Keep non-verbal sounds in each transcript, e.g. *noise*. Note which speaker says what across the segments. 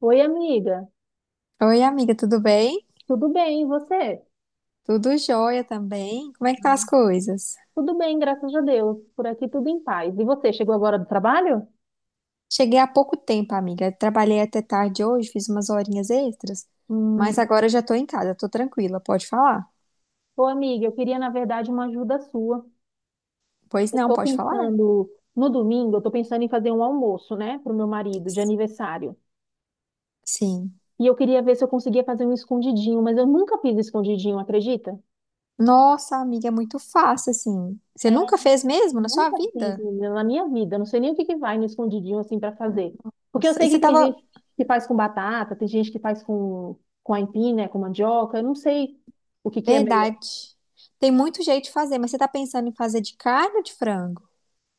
Speaker 1: Oi, amiga.
Speaker 2: Oi, amiga, tudo bem?
Speaker 1: Tudo bem, e você?
Speaker 2: Tudo jóia também. Como é que tá
Speaker 1: Ah,
Speaker 2: as coisas?
Speaker 1: Tudo bem, graças a Deus. Por aqui tudo em paz. E você, chegou agora do trabalho?
Speaker 2: Cheguei há pouco tempo, amiga. Trabalhei até tarde hoje, fiz umas horinhas extras, mas
Speaker 1: Hum.
Speaker 2: agora eu já tô em casa, tô tranquila. Pode falar?
Speaker 1: Ô, amiga, eu queria, na verdade, uma ajuda sua.
Speaker 2: Pois
Speaker 1: Eu
Speaker 2: não,
Speaker 1: tô
Speaker 2: pode falar?
Speaker 1: pensando, no domingo, eu tô pensando em fazer um almoço, né, pro meu marido de aniversário.
Speaker 2: Sim.
Speaker 1: E eu queria ver se eu conseguia fazer um escondidinho, mas eu nunca fiz escondidinho, acredita?
Speaker 2: Nossa, amiga, é muito fácil assim. Você nunca fez mesmo na sua
Speaker 1: Nunca fiz,
Speaker 2: vida?
Speaker 1: menina, na minha vida. Eu não sei nem o que que vai no escondidinho assim pra fazer. Porque eu
Speaker 2: Nossa,
Speaker 1: sei
Speaker 2: E você
Speaker 1: que tem
Speaker 2: tava.
Speaker 1: gente que faz com batata, tem gente que faz com aipim, né, com mandioca. Eu não sei o que que é melhor.
Speaker 2: Verdade. Tem muito jeito de fazer, mas você tá pensando em fazer de carne ou de frango?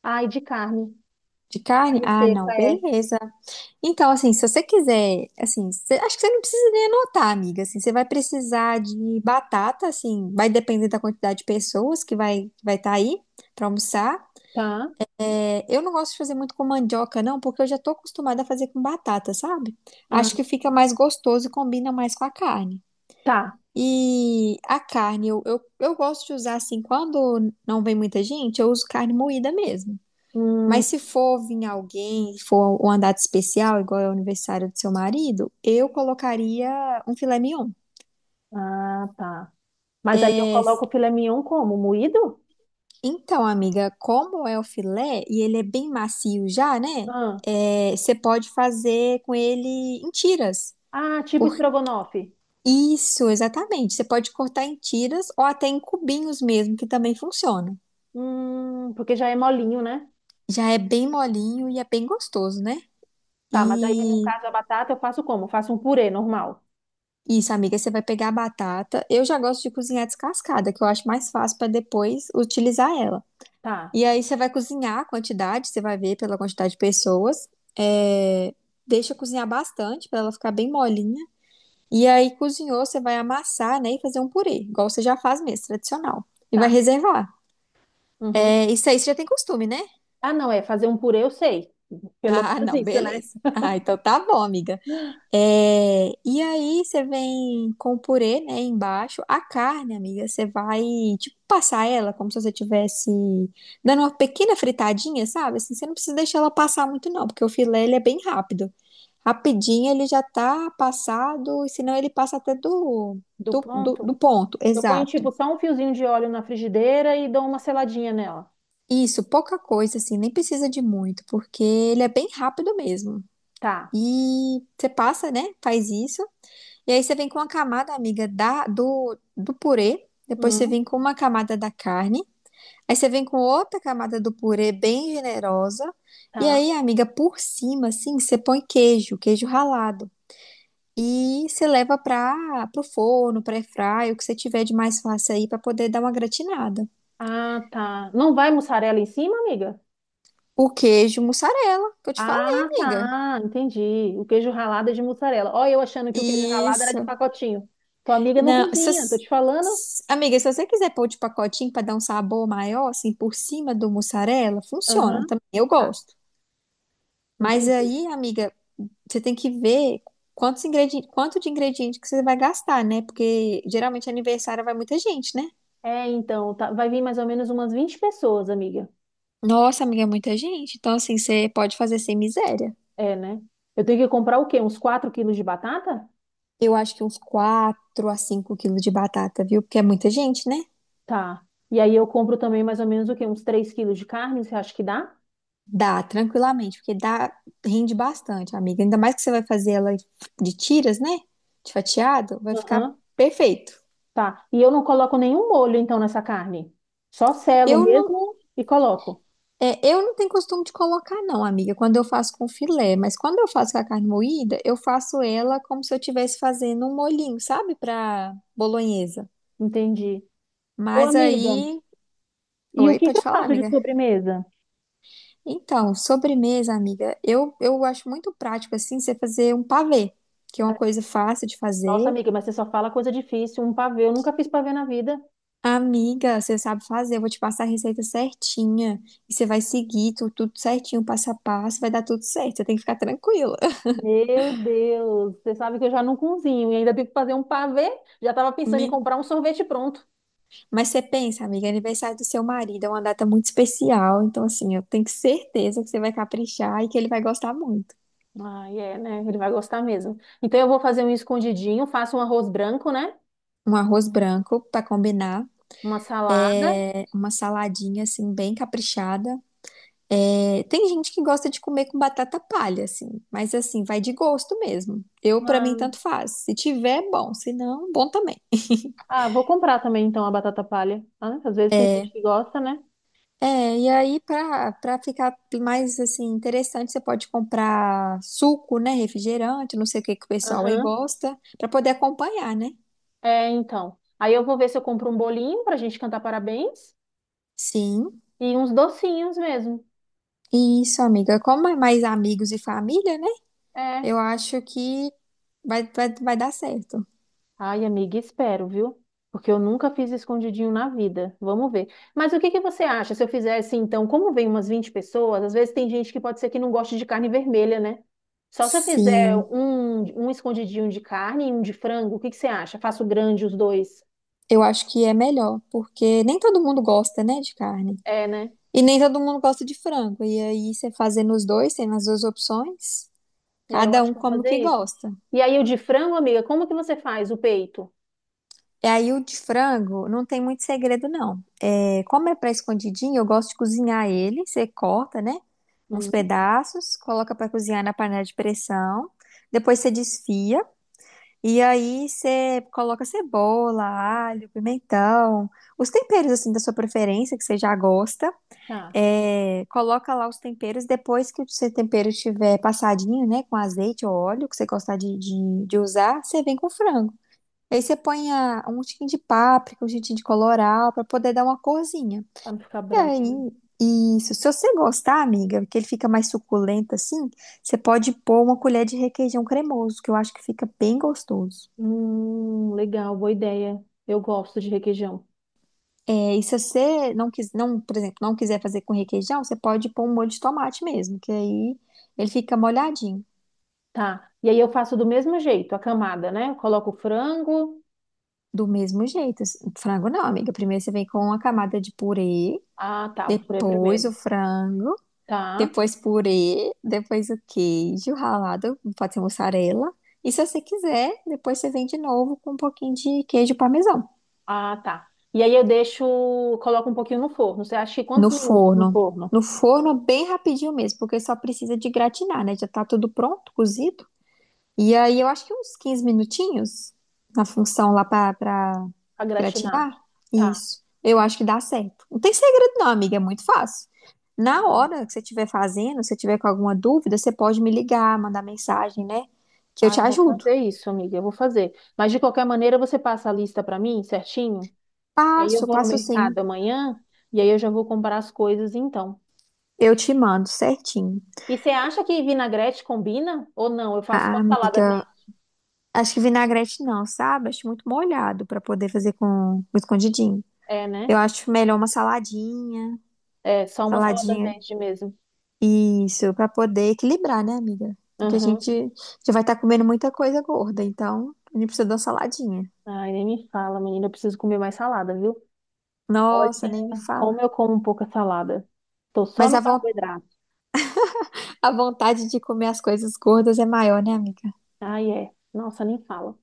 Speaker 1: Ai, de carne.
Speaker 2: De carne?
Speaker 1: Carne
Speaker 2: Ah,
Speaker 1: seca
Speaker 2: não,
Speaker 1: é.
Speaker 2: beleza. Então, assim, se você quiser, assim, acho que você não precisa nem anotar, amiga, assim, você vai precisar de batata, assim, vai depender da quantidade de pessoas que vai estar aí para almoçar.
Speaker 1: Tá.
Speaker 2: É, eu não gosto de fazer muito com mandioca, não, porque eu já tô acostumada a fazer com batata, sabe?
Speaker 1: Ah,
Speaker 2: Acho que fica mais gostoso e combina mais com a carne.
Speaker 1: tá.
Speaker 2: E a carne, eu gosto de usar, assim, quando não vem muita gente, eu uso carne moída mesmo.
Speaker 1: Hum,
Speaker 2: Mas se for vir alguém, for uma data especial, igual é o aniversário do seu marido, eu colocaria um filé mignon.
Speaker 1: ah, tá. Mas aí eu coloco o filé mignon como? Moído?
Speaker 2: Então, amiga, como é o filé e ele é bem macio já, né?
Speaker 1: Ah,
Speaker 2: É, você pode fazer com ele em tiras.
Speaker 1: ah, tipo
Speaker 2: Por
Speaker 1: estrogonofe.
Speaker 2: isso, exatamente. Você pode cortar em tiras ou até em cubinhos mesmo, que também funciona.
Speaker 1: Porque já é molinho, né?
Speaker 2: Já é bem molinho e é bem gostoso, né?
Speaker 1: Tá, mas aí no
Speaker 2: E
Speaker 1: caso a batata eu faço como? Eu faço um purê normal.
Speaker 2: Isso, amiga, você vai pegar a batata. Eu já gosto de cozinhar descascada, que eu acho mais fácil para depois utilizar ela.
Speaker 1: Tá,
Speaker 2: E aí você vai cozinhar a quantidade, você vai ver pela quantidade de pessoas. É, Deixa cozinhar bastante para ela ficar bem molinha. E aí cozinhou, você vai amassar, né, e fazer um purê, igual você já faz mesmo, tradicional. E vai
Speaker 1: tá.
Speaker 2: reservar.
Speaker 1: Uhum.
Speaker 2: É, Isso aí você já tem costume, né? *laughs*
Speaker 1: Ah, não, é fazer um purê, eu sei. Pelo
Speaker 2: Ah,
Speaker 1: menos
Speaker 2: não,
Speaker 1: isso, né?
Speaker 2: beleza. Ah, então tá bom, amiga. É, e aí você vem com o purê, né, embaixo. A carne, amiga, você vai, tipo, passar ela como se você tivesse dando uma pequena fritadinha, sabe? Assim, você não precisa deixar ela passar muito não, porque o filé, ele é bem rápido. Rapidinho ele já tá passado, e senão ele passa até do,
Speaker 1: Do
Speaker 2: do, do,
Speaker 1: pronto.
Speaker 2: do ponto,
Speaker 1: Eu ponho,
Speaker 2: exato.
Speaker 1: tipo, só um fiozinho de óleo na frigideira e dou uma seladinha nela.
Speaker 2: Isso, pouca coisa, assim, nem precisa de muito, porque ele é bem rápido mesmo.
Speaker 1: Tá.
Speaker 2: E você passa, né, faz isso. E aí você vem com uma camada, amiga, do purê. Depois você
Speaker 1: Hum,
Speaker 2: vem com uma camada da carne. Aí você vem com outra camada do purê bem generosa. E
Speaker 1: tá.
Speaker 2: aí, amiga, por cima, assim, você põe queijo, queijo ralado. E você leva para o forno, para airfryer, o que você tiver de mais fácil aí para poder dar uma gratinada.
Speaker 1: Ah, tá. Não vai mussarela em cima, amiga?
Speaker 2: O queijo mussarela, que eu te falei,
Speaker 1: Ah,
Speaker 2: amiga.
Speaker 1: tá. Entendi. O queijo ralado é de mussarela. Ó, eu achando que o queijo ralado era de
Speaker 2: Isso.
Speaker 1: pacotinho. Tua amiga não
Speaker 2: Não,
Speaker 1: cozinha, tô te falando.
Speaker 2: amiga, se você quiser pôr de pacotinho para dar um sabor maior, assim, por cima do mussarela, funciona
Speaker 1: Aham,
Speaker 2: também. Eu
Speaker 1: tá.
Speaker 2: gosto. Mas
Speaker 1: Entendi.
Speaker 2: aí, amiga, você tem que ver quantos ingredientes, quanto de ingrediente que você vai gastar, né? Porque geralmente aniversário vai muita gente, né?
Speaker 1: É, então, tá. Vai vir mais ou menos umas 20 pessoas, amiga.
Speaker 2: Nossa, amiga, é muita gente. Então, assim, você pode fazer sem miséria.
Speaker 1: É, né? Eu tenho que comprar o quê? Uns 4 quilos de batata?
Speaker 2: Eu acho que uns 4 a 5 quilos de batata, viu? Porque é muita gente, né?
Speaker 1: Tá. E aí eu compro também mais ou menos o quê? Uns 3 quilos de carne, você acha que dá?
Speaker 2: Dá, tranquilamente, porque dá, rende bastante, amiga. Ainda mais que você vai fazer ela de tiras, né? De fatiado, vai ficar
Speaker 1: Aham.
Speaker 2: perfeito.
Speaker 1: Tá. E eu não coloco nenhum molho, então, nessa carne. Só selo
Speaker 2: Eu não,
Speaker 1: mesmo e coloco.
Speaker 2: é, eu não tenho costume de colocar, não, amiga, quando eu faço com filé, mas quando eu faço com a carne moída, eu faço ela como se eu estivesse fazendo um molhinho, sabe? Pra bolonhesa.
Speaker 1: Entendi. Ô,
Speaker 2: Mas
Speaker 1: amiga,
Speaker 2: aí.
Speaker 1: e o
Speaker 2: Oi,
Speaker 1: que que
Speaker 2: pode
Speaker 1: eu
Speaker 2: falar,
Speaker 1: faço de
Speaker 2: amiga?
Speaker 1: sobremesa?
Speaker 2: Então, sobremesa, amiga, eu acho muito prático, assim, você fazer um pavê, que é uma coisa fácil de
Speaker 1: Nossa,
Speaker 2: fazer.
Speaker 1: amiga, mas você só fala coisa difícil. Um pavê, eu nunca fiz pavê na vida.
Speaker 2: Amiga, você sabe fazer, eu vou te passar a receita certinha. E você vai seguir tudo, certinho, passo a passo, vai dar tudo certo. Você tem que ficar tranquila.
Speaker 1: Meu Deus, você sabe que eu já não cozinho e ainda tenho que fazer um pavê. Já estava
Speaker 2: *laughs*
Speaker 1: pensando em
Speaker 2: Me-
Speaker 1: comprar um sorvete pronto.
Speaker 2: Mas você pensa, amiga, é aniversário do seu marido é uma data muito especial. Então, assim, eu tenho certeza que você vai caprichar e que ele vai gostar muito.
Speaker 1: Ah, é, né? Ele vai gostar mesmo. Então eu vou fazer um escondidinho, faço um arroz branco, né?
Speaker 2: Um arroz branco pra combinar.
Speaker 1: Uma salada.
Speaker 2: É uma saladinha, assim, bem caprichada. É, tem gente que gosta de comer com batata palha, assim, mas assim, vai de gosto mesmo. Eu, pra mim,
Speaker 1: uma-
Speaker 2: tanto faz. Se tiver, é bom. Se não, bom também.
Speaker 1: Ah, vou comprar também então a batata palha. Ah, às vezes tem gente que gosta, né?
Speaker 2: É, e aí para ficar mais assim interessante, você pode comprar suco, né, refrigerante, não sei o que que o pessoal aí
Speaker 1: Aham.
Speaker 2: gosta, para poder acompanhar, né?
Speaker 1: É, então. Aí eu vou ver se eu compro um bolinho pra gente cantar parabéns
Speaker 2: Sim.
Speaker 1: e uns docinhos mesmo.
Speaker 2: Isso, amiga. Como é mais amigos e família, né?
Speaker 1: É.
Speaker 2: Eu acho que vai dar certo.
Speaker 1: Ai, amiga, espero, viu? Porque eu nunca fiz escondidinho na vida. Vamos ver. Mas o que que você acha se eu fizesse então? Como vem umas 20 pessoas, às vezes tem gente que pode ser que não goste de carne vermelha, né? Só se eu fizer
Speaker 2: Sim.
Speaker 1: um escondidinho de carne e um de frango, o que que você acha? Faço grande os dois.
Speaker 2: Eu acho que é melhor, porque nem todo mundo gosta, né, de carne.
Speaker 1: É, né?
Speaker 2: E nem todo mundo gosta de frango. E aí você fazendo os dois, tendo as duas opções,
Speaker 1: É, eu
Speaker 2: cada
Speaker 1: acho
Speaker 2: um
Speaker 1: que eu vou
Speaker 2: como
Speaker 1: fazer
Speaker 2: que
Speaker 1: isso.
Speaker 2: gosta.
Speaker 1: E aí, o de frango, amiga, como que você faz o peito?
Speaker 2: E aí o de frango não tem muito segredo, não. É, como é para escondidinho, eu gosto de cozinhar ele. Você corta, né? Uns
Speaker 1: Hum,
Speaker 2: pedaços, coloca para cozinhar na panela de pressão. Depois você desfia. E aí você coloca cebola, alho, pimentão, os temperos assim da sua preferência, que você já gosta.
Speaker 1: tá,
Speaker 2: É, coloca lá os temperos. Depois que o seu tempero estiver passadinho, né? Com azeite ou óleo, que você gostar de usar, você vem com o frango. Aí você põe a- um tiquinho de páprica, um tiquinho de colorau, pra poder dar uma corzinha.
Speaker 1: pra não ficar
Speaker 2: E aí,
Speaker 1: branco, né?
Speaker 2: isso. Se você gostar, amiga, que ele fica mais suculento assim, você pode pôr uma colher de requeijão cremoso, que eu acho que fica bem gostoso.
Speaker 1: Legal, boa ideia. Eu gosto de requeijão.
Speaker 2: É, e se você não quis, não, por exemplo, não quiser fazer com requeijão, você pode pôr um molho de tomate mesmo, que aí ele fica molhadinho.
Speaker 1: Tá. E aí eu faço do mesmo jeito, a camada, né? Eu coloco o frango.
Speaker 2: Do mesmo jeito. Assim, Frango não, amiga. Primeiro você vem com uma camada de purê,
Speaker 1: Ah, tá, vou por aí
Speaker 2: depois
Speaker 1: primeiro.
Speaker 2: o frango.
Speaker 1: Tá.
Speaker 2: Depois purê, depois o queijo ralado, pode ser mussarela. E se você quiser, depois você vem de novo com um pouquinho de queijo parmesão.
Speaker 1: Ah, tá. E aí eu deixo, coloco um pouquinho no forno. Você acha que quantos
Speaker 2: No
Speaker 1: minutos no
Speaker 2: forno.
Speaker 1: forno
Speaker 2: No forno, bem rapidinho mesmo, porque só precisa de gratinar, né? Já tá tudo pronto, cozido. E aí eu acho que uns 15 minutinhos na função lá pra
Speaker 1: pra gratinar?
Speaker 2: gratinar.
Speaker 1: Tá,
Speaker 2: Isso. Eu acho que dá certo. Não tem segredo não, amiga, é muito fácil.
Speaker 1: tá
Speaker 2: Na
Speaker 1: bom.
Speaker 2: hora que você estiver fazendo, se você tiver com alguma dúvida, você pode me ligar, mandar mensagem, né? Que eu
Speaker 1: Ah,
Speaker 2: te
Speaker 1: eu vou
Speaker 2: ajudo.
Speaker 1: fazer isso, amiga, eu vou fazer. Mas de qualquer maneira, você passa a lista pra mim, certinho? E aí eu
Speaker 2: Passo,
Speaker 1: vou no
Speaker 2: passo sim.
Speaker 1: mercado amanhã e aí eu já vou comprar as coisas então.
Speaker 2: Eu te mando certinho.
Speaker 1: E você acha que vinagrete combina? Ou não? Eu faço só
Speaker 2: Ah,
Speaker 1: salada
Speaker 2: amiga,
Speaker 1: verde.
Speaker 2: acho que vinagrete não, sabe? Acho muito molhado pra poder fazer com escondidinho.
Speaker 1: É, né?
Speaker 2: Eu acho melhor uma saladinha,
Speaker 1: É, só uma salada
Speaker 2: saladinha.
Speaker 1: verde mesmo.
Speaker 2: Isso, pra poder equilibrar, né, amiga? Porque a
Speaker 1: Aham.
Speaker 2: gente já vai estar comendo muita coisa gorda, então a gente precisa de uma saladinha.
Speaker 1: Ai, nem me fala, menina. Eu preciso comer mais salada, viu? Olha,
Speaker 2: Nossa, nem me fala.
Speaker 1: como eu como pouca salada. Tô só
Speaker 2: Mas
Speaker 1: no
Speaker 2: a,
Speaker 1: carboidrato.
Speaker 2: a vontade de comer as coisas gordas é maior, né, amiga?
Speaker 1: Ai, é. Nossa, nem fala.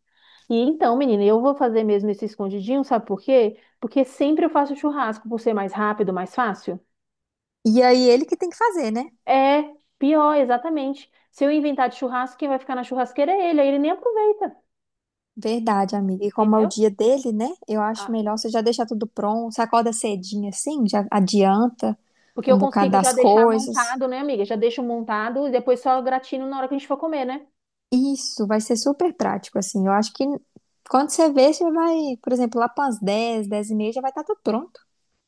Speaker 1: E então, menina, eu vou fazer mesmo esse escondidinho, sabe por quê? Porque sempre eu faço churrasco, por ser mais rápido, mais fácil.
Speaker 2: E aí ele que tem que fazer, né?
Speaker 1: É pior, exatamente. Se eu inventar de churrasco, quem vai ficar na churrasqueira é ele, aí ele nem aproveita,
Speaker 2: Verdade, amiga. E como é o
Speaker 1: entendeu?
Speaker 2: dia dele, né? Eu acho
Speaker 1: Ah,
Speaker 2: melhor você já deixar tudo pronto. Você acorda cedinho assim, já adianta
Speaker 1: porque eu
Speaker 2: um bocado
Speaker 1: consigo já
Speaker 2: das
Speaker 1: deixar
Speaker 2: coisas.
Speaker 1: montado, né, amiga? Já deixo montado e depois só gratino na hora que a gente for comer, né?
Speaker 2: Isso, vai ser super prático, assim. Eu acho que quando você vê, você vai, por exemplo, lá para as 10h, 10h30 já vai estar tudo pronto.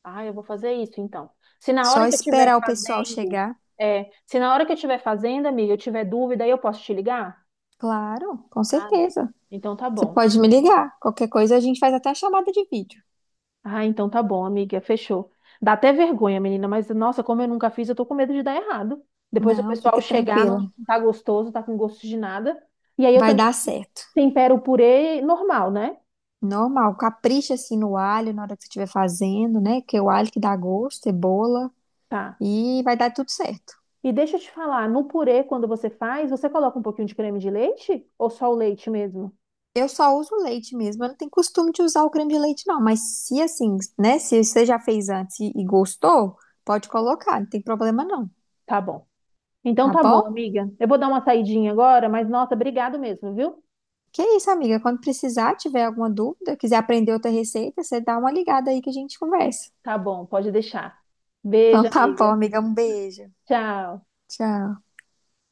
Speaker 1: Ah, eu vou fazer isso então. Se na
Speaker 2: Só
Speaker 1: hora que eu estiver
Speaker 2: esperar o pessoal
Speaker 1: fazendo,
Speaker 2: chegar.
Speaker 1: é, se na hora que eu estiver fazendo, amiga, eu tiver dúvida, aí eu posso te ligar?
Speaker 2: Claro, com
Speaker 1: Ah,
Speaker 2: certeza.
Speaker 1: então tá
Speaker 2: Você
Speaker 1: bom.
Speaker 2: pode me ligar. Qualquer coisa a gente faz até a chamada de vídeo.
Speaker 1: Ah, então tá bom, amiga, fechou. Dá até vergonha, menina, mas nossa, como eu nunca fiz, eu tô com medo de dar errado. Depois o
Speaker 2: Não,
Speaker 1: pessoal
Speaker 2: fica
Speaker 1: chegar, não
Speaker 2: tranquila.
Speaker 1: tá gostoso, tá com gosto de nada. E aí eu
Speaker 2: Vai
Speaker 1: também
Speaker 2: dar certo.
Speaker 1: tempero o purê normal, né?
Speaker 2: Normal. Capricha assim no alho na hora que você estiver fazendo, né? Que é o alho que dá gosto, cebola.
Speaker 1: Tá.
Speaker 2: E vai dar tudo certo.
Speaker 1: E deixa eu te falar, no purê, quando você faz, você coloca um pouquinho de creme de leite ou só o leite mesmo?
Speaker 2: Eu só uso leite mesmo. Eu não tenho costume de usar o creme de leite, não. Mas se assim, né? Se você já fez antes e gostou, pode colocar. Não tem problema, não.
Speaker 1: Tá bom. Então
Speaker 2: Tá
Speaker 1: tá bom,
Speaker 2: bom?
Speaker 1: amiga. Eu vou dar uma saidinha agora, mas nossa, obrigado mesmo, viu?
Speaker 2: Que é isso, amiga? Quando precisar, tiver alguma dúvida, quiser aprender outra receita, você dá uma ligada aí que a gente conversa.
Speaker 1: Tá bom, pode deixar. Beijo,
Speaker 2: Então tá
Speaker 1: amiga.
Speaker 2: bom, amiga. Um beijo.
Speaker 1: Tchau.
Speaker 2: Tchau.